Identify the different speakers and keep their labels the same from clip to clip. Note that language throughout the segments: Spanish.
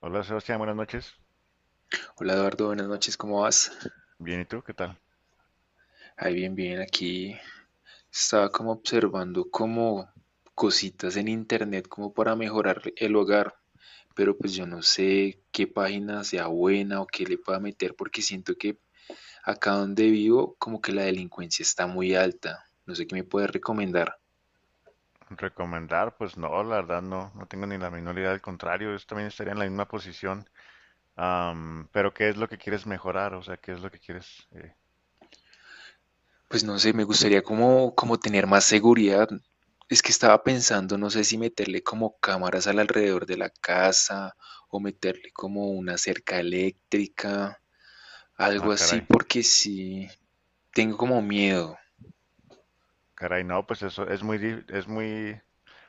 Speaker 1: Hola Sebastián, buenas noches.
Speaker 2: Hola Eduardo, buenas noches, ¿cómo vas?
Speaker 1: Bien, ¿y tú? ¿Qué tal?
Speaker 2: Ahí bien, bien, aquí estaba como observando como cositas en internet como para mejorar el hogar, pero pues yo no sé qué página sea buena o qué le pueda meter porque siento que acá donde vivo como que la delincuencia está muy alta. No sé qué me puedes recomendar.
Speaker 1: Recomendar, pues no, la verdad no, tengo ni la menor idea, al contrario, yo también estaría en la misma posición. Pero ¿qué es lo que quieres mejorar? O sea, ¿qué es lo que quieres?
Speaker 2: Pues no sé, me gustaría como, como tener más seguridad. Es que estaba pensando, no sé si meterle como cámaras al alrededor de la casa o meterle como una cerca eléctrica,
Speaker 1: Ah,
Speaker 2: algo así,
Speaker 1: caray,
Speaker 2: porque sí, tengo como miedo.
Speaker 1: caray, no, pues eso es muy, es muy,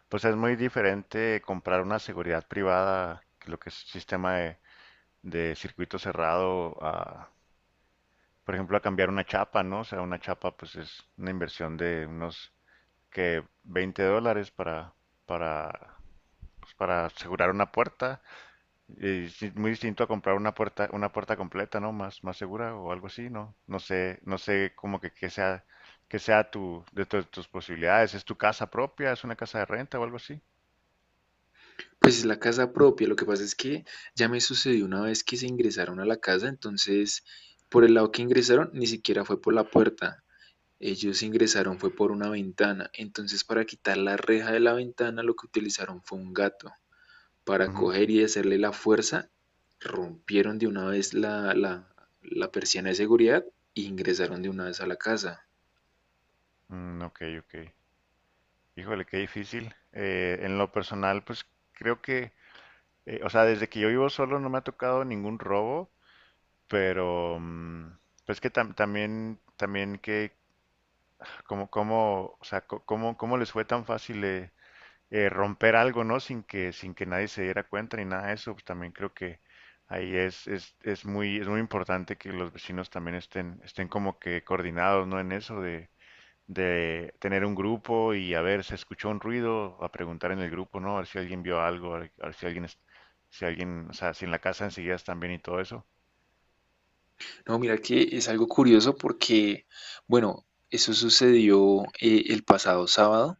Speaker 1: pues es muy diferente comprar una seguridad privada que lo que es sistema de circuito cerrado a, por ejemplo, a cambiar una chapa, ¿no? O sea, una chapa, pues es una inversión de unos que 20 dólares para pues, para asegurar una puerta. Y sí, muy distinto a comprar una puerta completa, ¿no? Más, más segura o algo así, ¿no? No sé, no sé como que sea tu, tus posibilidades. ¿Es tu casa propia? ¿Es una casa de renta o algo así?
Speaker 2: Pues es la casa propia, lo que pasa es que ya me sucedió una vez que se ingresaron a la casa. Entonces por el lado que ingresaron ni siquiera fue por la puerta, ellos ingresaron fue por una ventana. Entonces para quitar la reja de la ventana lo que utilizaron fue un gato, para
Speaker 1: Ujú.
Speaker 2: coger y hacerle la fuerza, rompieron de una vez la persiana de seguridad e ingresaron de una vez a la casa.
Speaker 1: Mm, ok, ok. Híjole, qué difícil. En lo personal, pues creo que, o sea, desde que yo vivo solo no me ha tocado ningún robo, pero pues que también que, como, como, o sea, cómo, cómo les fue tan fácil romper algo, ¿no? Sin que, sin que nadie se diera cuenta ni nada de eso, pues también creo que ahí es muy importante que los vecinos también estén, estén como que coordinados, ¿no? En eso de tener un grupo y a ver, se escuchó un ruido, a preguntar en el grupo, ¿no? A ver si alguien vio algo, a ver si alguien, si alguien, o sea, si en la casa enseguida están bien y todo eso.
Speaker 2: No, mira que es algo curioso porque, bueno, eso sucedió el pasado sábado.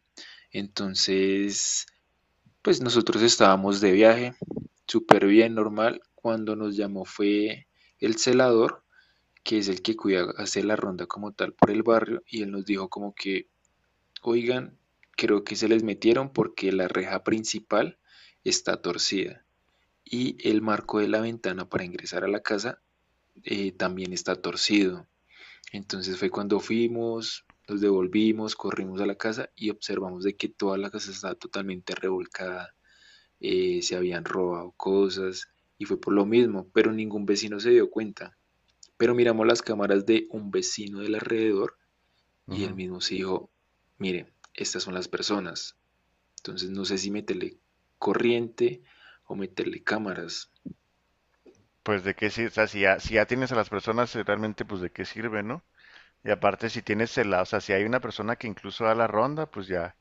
Speaker 2: Entonces, pues nosotros estábamos de viaje, súper bien, normal. Cuando nos llamó fue el celador, que es el que cuida, hace la ronda como tal por el barrio, y él nos dijo como que: oigan, creo que se les metieron porque la reja principal está torcida y el marco de la ventana para ingresar a la casa también está torcido. Entonces fue cuando fuimos, nos devolvimos, corrimos a la casa y observamos de que toda la casa estaba totalmente revolcada, se habían robado cosas y fue por lo mismo, pero ningún vecino se dio cuenta. Pero miramos las cámaras de un vecino del alrededor y él
Speaker 1: Ujú.
Speaker 2: mismo se dijo, miren, estas son las personas. Entonces no sé si meterle corriente o meterle cámaras.
Speaker 1: Pues de qué sirve, o sea, si ya, si ya tienes a las personas, realmente, pues de qué sirve, ¿no? Y aparte, si tienes el, o sea, si hay una persona que incluso da la ronda, pues ya,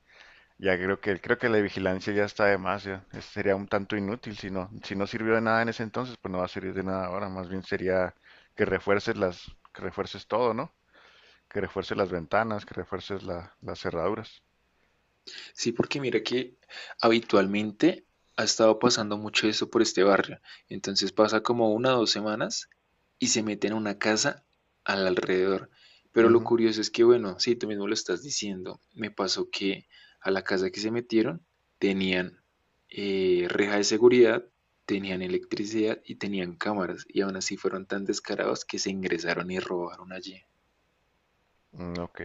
Speaker 1: ya creo que la vigilancia ya está de más, ya. Sería un tanto inútil si no, si no sirvió de nada en ese entonces, pues no va a servir de nada ahora, más bien sería que refuerces las, que refuerces todo, ¿no? Que refuerces las ventanas, que refuerces las cerraduras.
Speaker 2: Sí, porque mira que habitualmente ha estado pasando mucho eso por este barrio. Entonces pasa como una o dos semanas y se meten a una casa al alrededor. Pero lo
Speaker 1: Ujú.
Speaker 2: curioso es que, bueno, sí, tú mismo lo estás diciendo. Me pasó que a la casa que se metieron tenían reja de seguridad, tenían electricidad y tenían cámaras. Y aún así fueron tan descarados que se ingresaron y robaron allí.
Speaker 1: Mm, ok.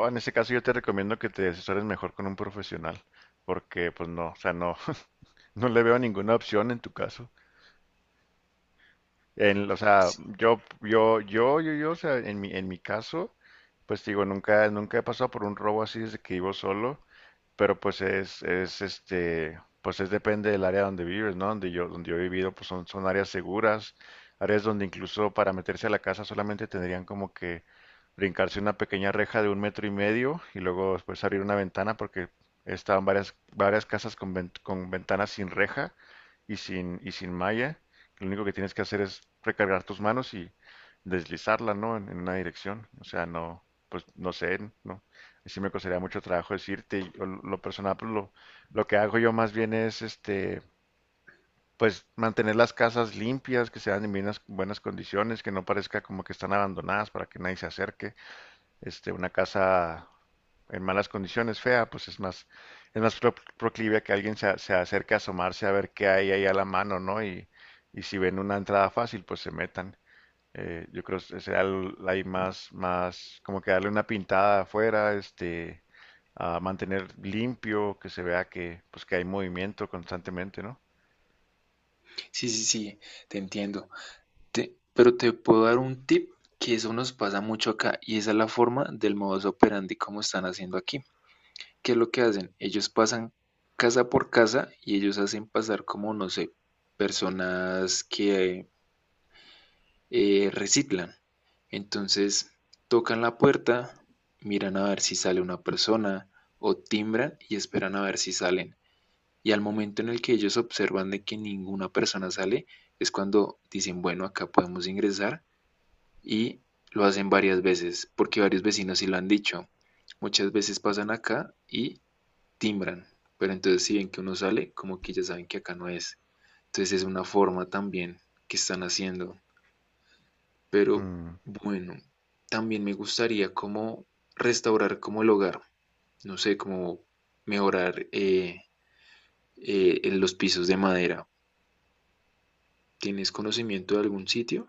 Speaker 1: O en ese caso yo te recomiendo que te asesores mejor con un profesional, porque pues no, o sea, no no le veo ninguna opción en tu caso. En, o sea, yo, o sea, en mi caso, pues digo, nunca, nunca he pasado por un robo así desde que vivo solo. Pero pues es este, pues es depende del área donde vives, ¿no? Donde yo he vivido, pues son, son áreas seguras, áreas donde incluso para meterse a la casa solamente tendrían como que brincarse una pequeña reja de un metro y medio y luego después abrir una ventana porque estaban varias, varias casas con, con ventanas sin reja y sin malla. Lo único que tienes que hacer es recargar tus manos y deslizarla, ¿no? En una dirección. O sea, no, pues no sé, ¿no? Sí me costaría mucho trabajo decirte, yo lo personal, pues, lo que hago yo más bien es, este, pues mantener las casas limpias, que sean en buenas, buenas condiciones, que no parezca como que están abandonadas para que nadie se acerque. Este, una casa en malas condiciones, fea, pues es más proclive a que alguien se, se acerque a asomarse a ver qué hay ahí a la mano, ¿no? Y si ven una entrada fácil, pues se metan. Yo creo que será ahí más, más, como que darle una pintada afuera, este, a mantener limpio, que se vea que, pues, que hay movimiento constantemente, ¿no?
Speaker 2: Sí, sí, sí, te entiendo. Pero te puedo dar un tip, que eso nos pasa mucho acá y esa es la forma del modus operandi como están haciendo aquí. ¿Qué es lo que hacen? Ellos pasan casa por casa y ellos hacen pasar como, no sé, personas que reciclan. Entonces, tocan la puerta, miran a ver si sale una persona o timbran y esperan a ver si salen, y al momento en el que ellos observan de que ninguna persona sale, es cuando dicen, bueno, acá podemos ingresar. Y lo hacen varias veces, porque varios vecinos sí lo han dicho. Muchas veces pasan acá y timbran, pero entonces si ven que uno sale, como que ya saben que acá no es. Entonces es una forma también que están haciendo. Pero
Speaker 1: Mm.
Speaker 2: bueno, también me gustaría como restaurar como el hogar, no sé, como mejorar los pisos de madera. ¿Tienes conocimiento de algún sitio?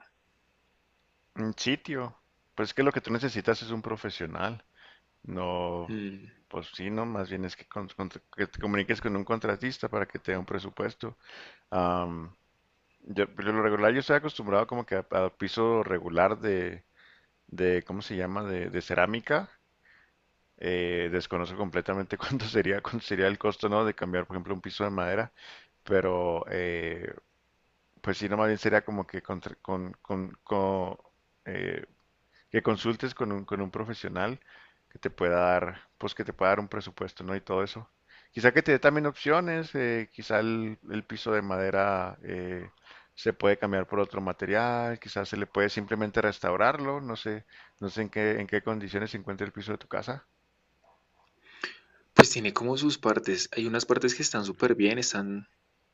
Speaker 1: Un sitio. Pues que lo que tú necesitas es un profesional. No,
Speaker 2: Mm.
Speaker 1: pues sí, no, más bien es que, que te comuniques con un contratista para que te dé un presupuesto. Am, yo, por lo regular, yo estoy acostumbrado como que a piso regular de, ¿cómo se llama? De cerámica. Desconozco completamente cuánto sería el costo, ¿no? De cambiar, por ejemplo, un piso de madera, pero pues si no, más bien sería como que con, eh, que consultes con un profesional que te pueda dar, pues que te pueda dar un presupuesto, ¿no? Y todo eso. Quizá que te dé también opciones, quizá el piso de madera, se puede cambiar por otro material, quizás se le puede simplemente restaurarlo, no sé, no sé en qué condiciones se encuentra el piso de tu casa.
Speaker 2: Pues tiene como sus partes. Hay unas partes que están súper bien, están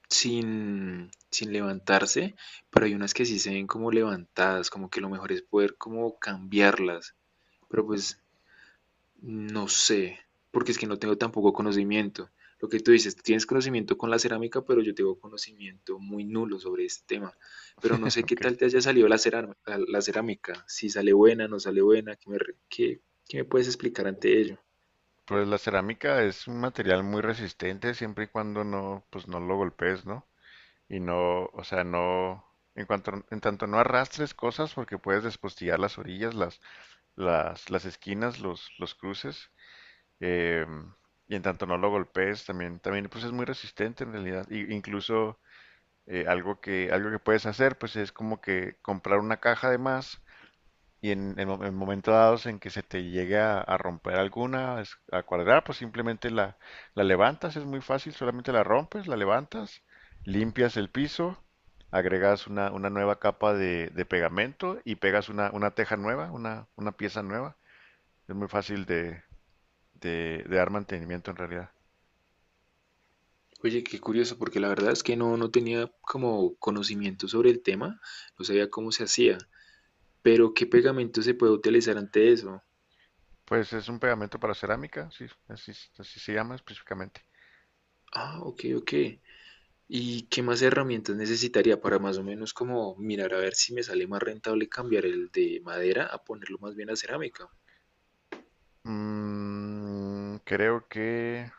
Speaker 2: sin levantarse, pero hay unas que sí se ven como levantadas, como que lo mejor es poder como cambiarlas. Pero pues no sé, porque es que no tengo tampoco conocimiento. Lo que tú dices, tú tienes conocimiento con la cerámica, pero yo tengo conocimiento muy nulo sobre este tema. Pero no sé
Speaker 1: ¿No?
Speaker 2: qué
Speaker 1: Ok.
Speaker 2: tal te haya salido la cerámica, si sale buena, no sale buena. ¿Qué me puedes explicar ante ello?
Speaker 1: Pues la cerámica es un material muy resistente siempre y cuando no, pues no lo golpees, ¿no? Y no, o sea, no, en cuanto, en tanto no arrastres cosas porque puedes despostillar las orillas, las esquinas, los cruces. eh, y en tanto no lo golpees, también, también pues es muy resistente en realidad. Y, incluso algo que puedes hacer, pues es como que comprar una caja de más y en, en momentos dados en que se te llegue a romper alguna, a cuadrar, pues simplemente la, la levantas, es muy fácil, solamente la rompes, la levantas, limpias el piso, agregas una nueva capa de pegamento y pegas una teja nueva, una pieza nueva. Es muy fácil de dar mantenimiento en realidad.
Speaker 2: Oye, qué curioso, porque la verdad es que no, no tenía como conocimiento sobre el tema, no sabía cómo se hacía, pero ¿qué pegamento se puede utilizar ante eso?
Speaker 1: Pues es un pegamento para cerámica, sí, así, así se llama específicamente.
Speaker 2: Ah, ok, ok. ¿Y qué más herramientas necesitaría para más o menos como mirar a ver si me sale más rentable cambiar el de madera a ponerlo más bien a cerámica?
Speaker 1: Mm, creo que...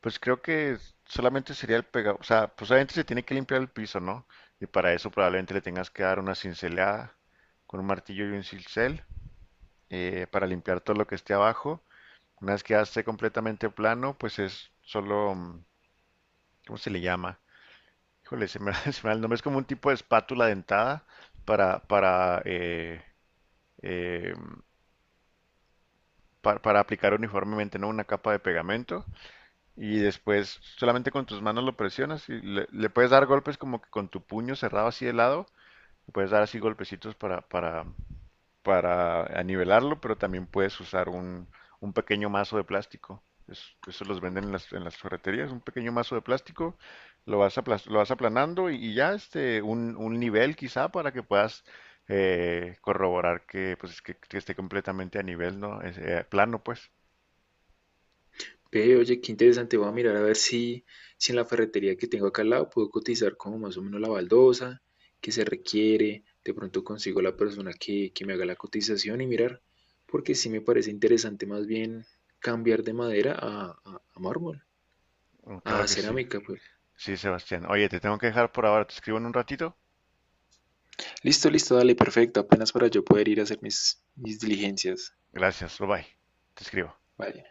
Speaker 1: Pues creo que solamente sería el pegado, o sea, pues obviamente se tiene que limpiar el piso, ¿no? Y para eso probablemente le tengas que dar una cincelada con un martillo y un cincel, para limpiar todo lo que esté abajo. Una vez que ya esté completamente plano, pues es solo, mm, ¿cómo se le llama? Híjole, se me, se me va el nombre, es como un tipo de espátula dentada para, eh, para aplicar uniformemente, ¿no? Una capa de pegamento. Y después solamente con tus manos lo presionas y le puedes dar golpes como que con tu puño cerrado así de lado. Le puedes dar así golpecitos para nivelarlo, pero también puedes usar un pequeño mazo de plástico. Eso los venden en las ferreterías, un pequeño mazo de plástico, lo vas, lo vas aplanando y ya este, un nivel quizá para que puedas corroborar que, pues, que esté completamente a nivel, ¿no? Es, plano, pues.
Speaker 2: Ve, oye, qué interesante, voy a mirar a ver si, si en la ferretería que tengo acá al lado puedo cotizar como más o menos la baldosa que se requiere, de pronto consigo la persona que me haga la cotización y mirar, porque sí me parece interesante más bien cambiar de madera a mármol,
Speaker 1: Mm,
Speaker 2: a
Speaker 1: claro que sí.
Speaker 2: cerámica, pues.
Speaker 1: Sí, Sebastián. Oye, te tengo que dejar por ahora. Te escribo en un ratito.
Speaker 2: Listo, listo. Dale, perfecto. Apenas para yo poder ir a hacer mis diligencias.
Speaker 1: Gracias, bye bye. Te escribo.
Speaker 2: Vale.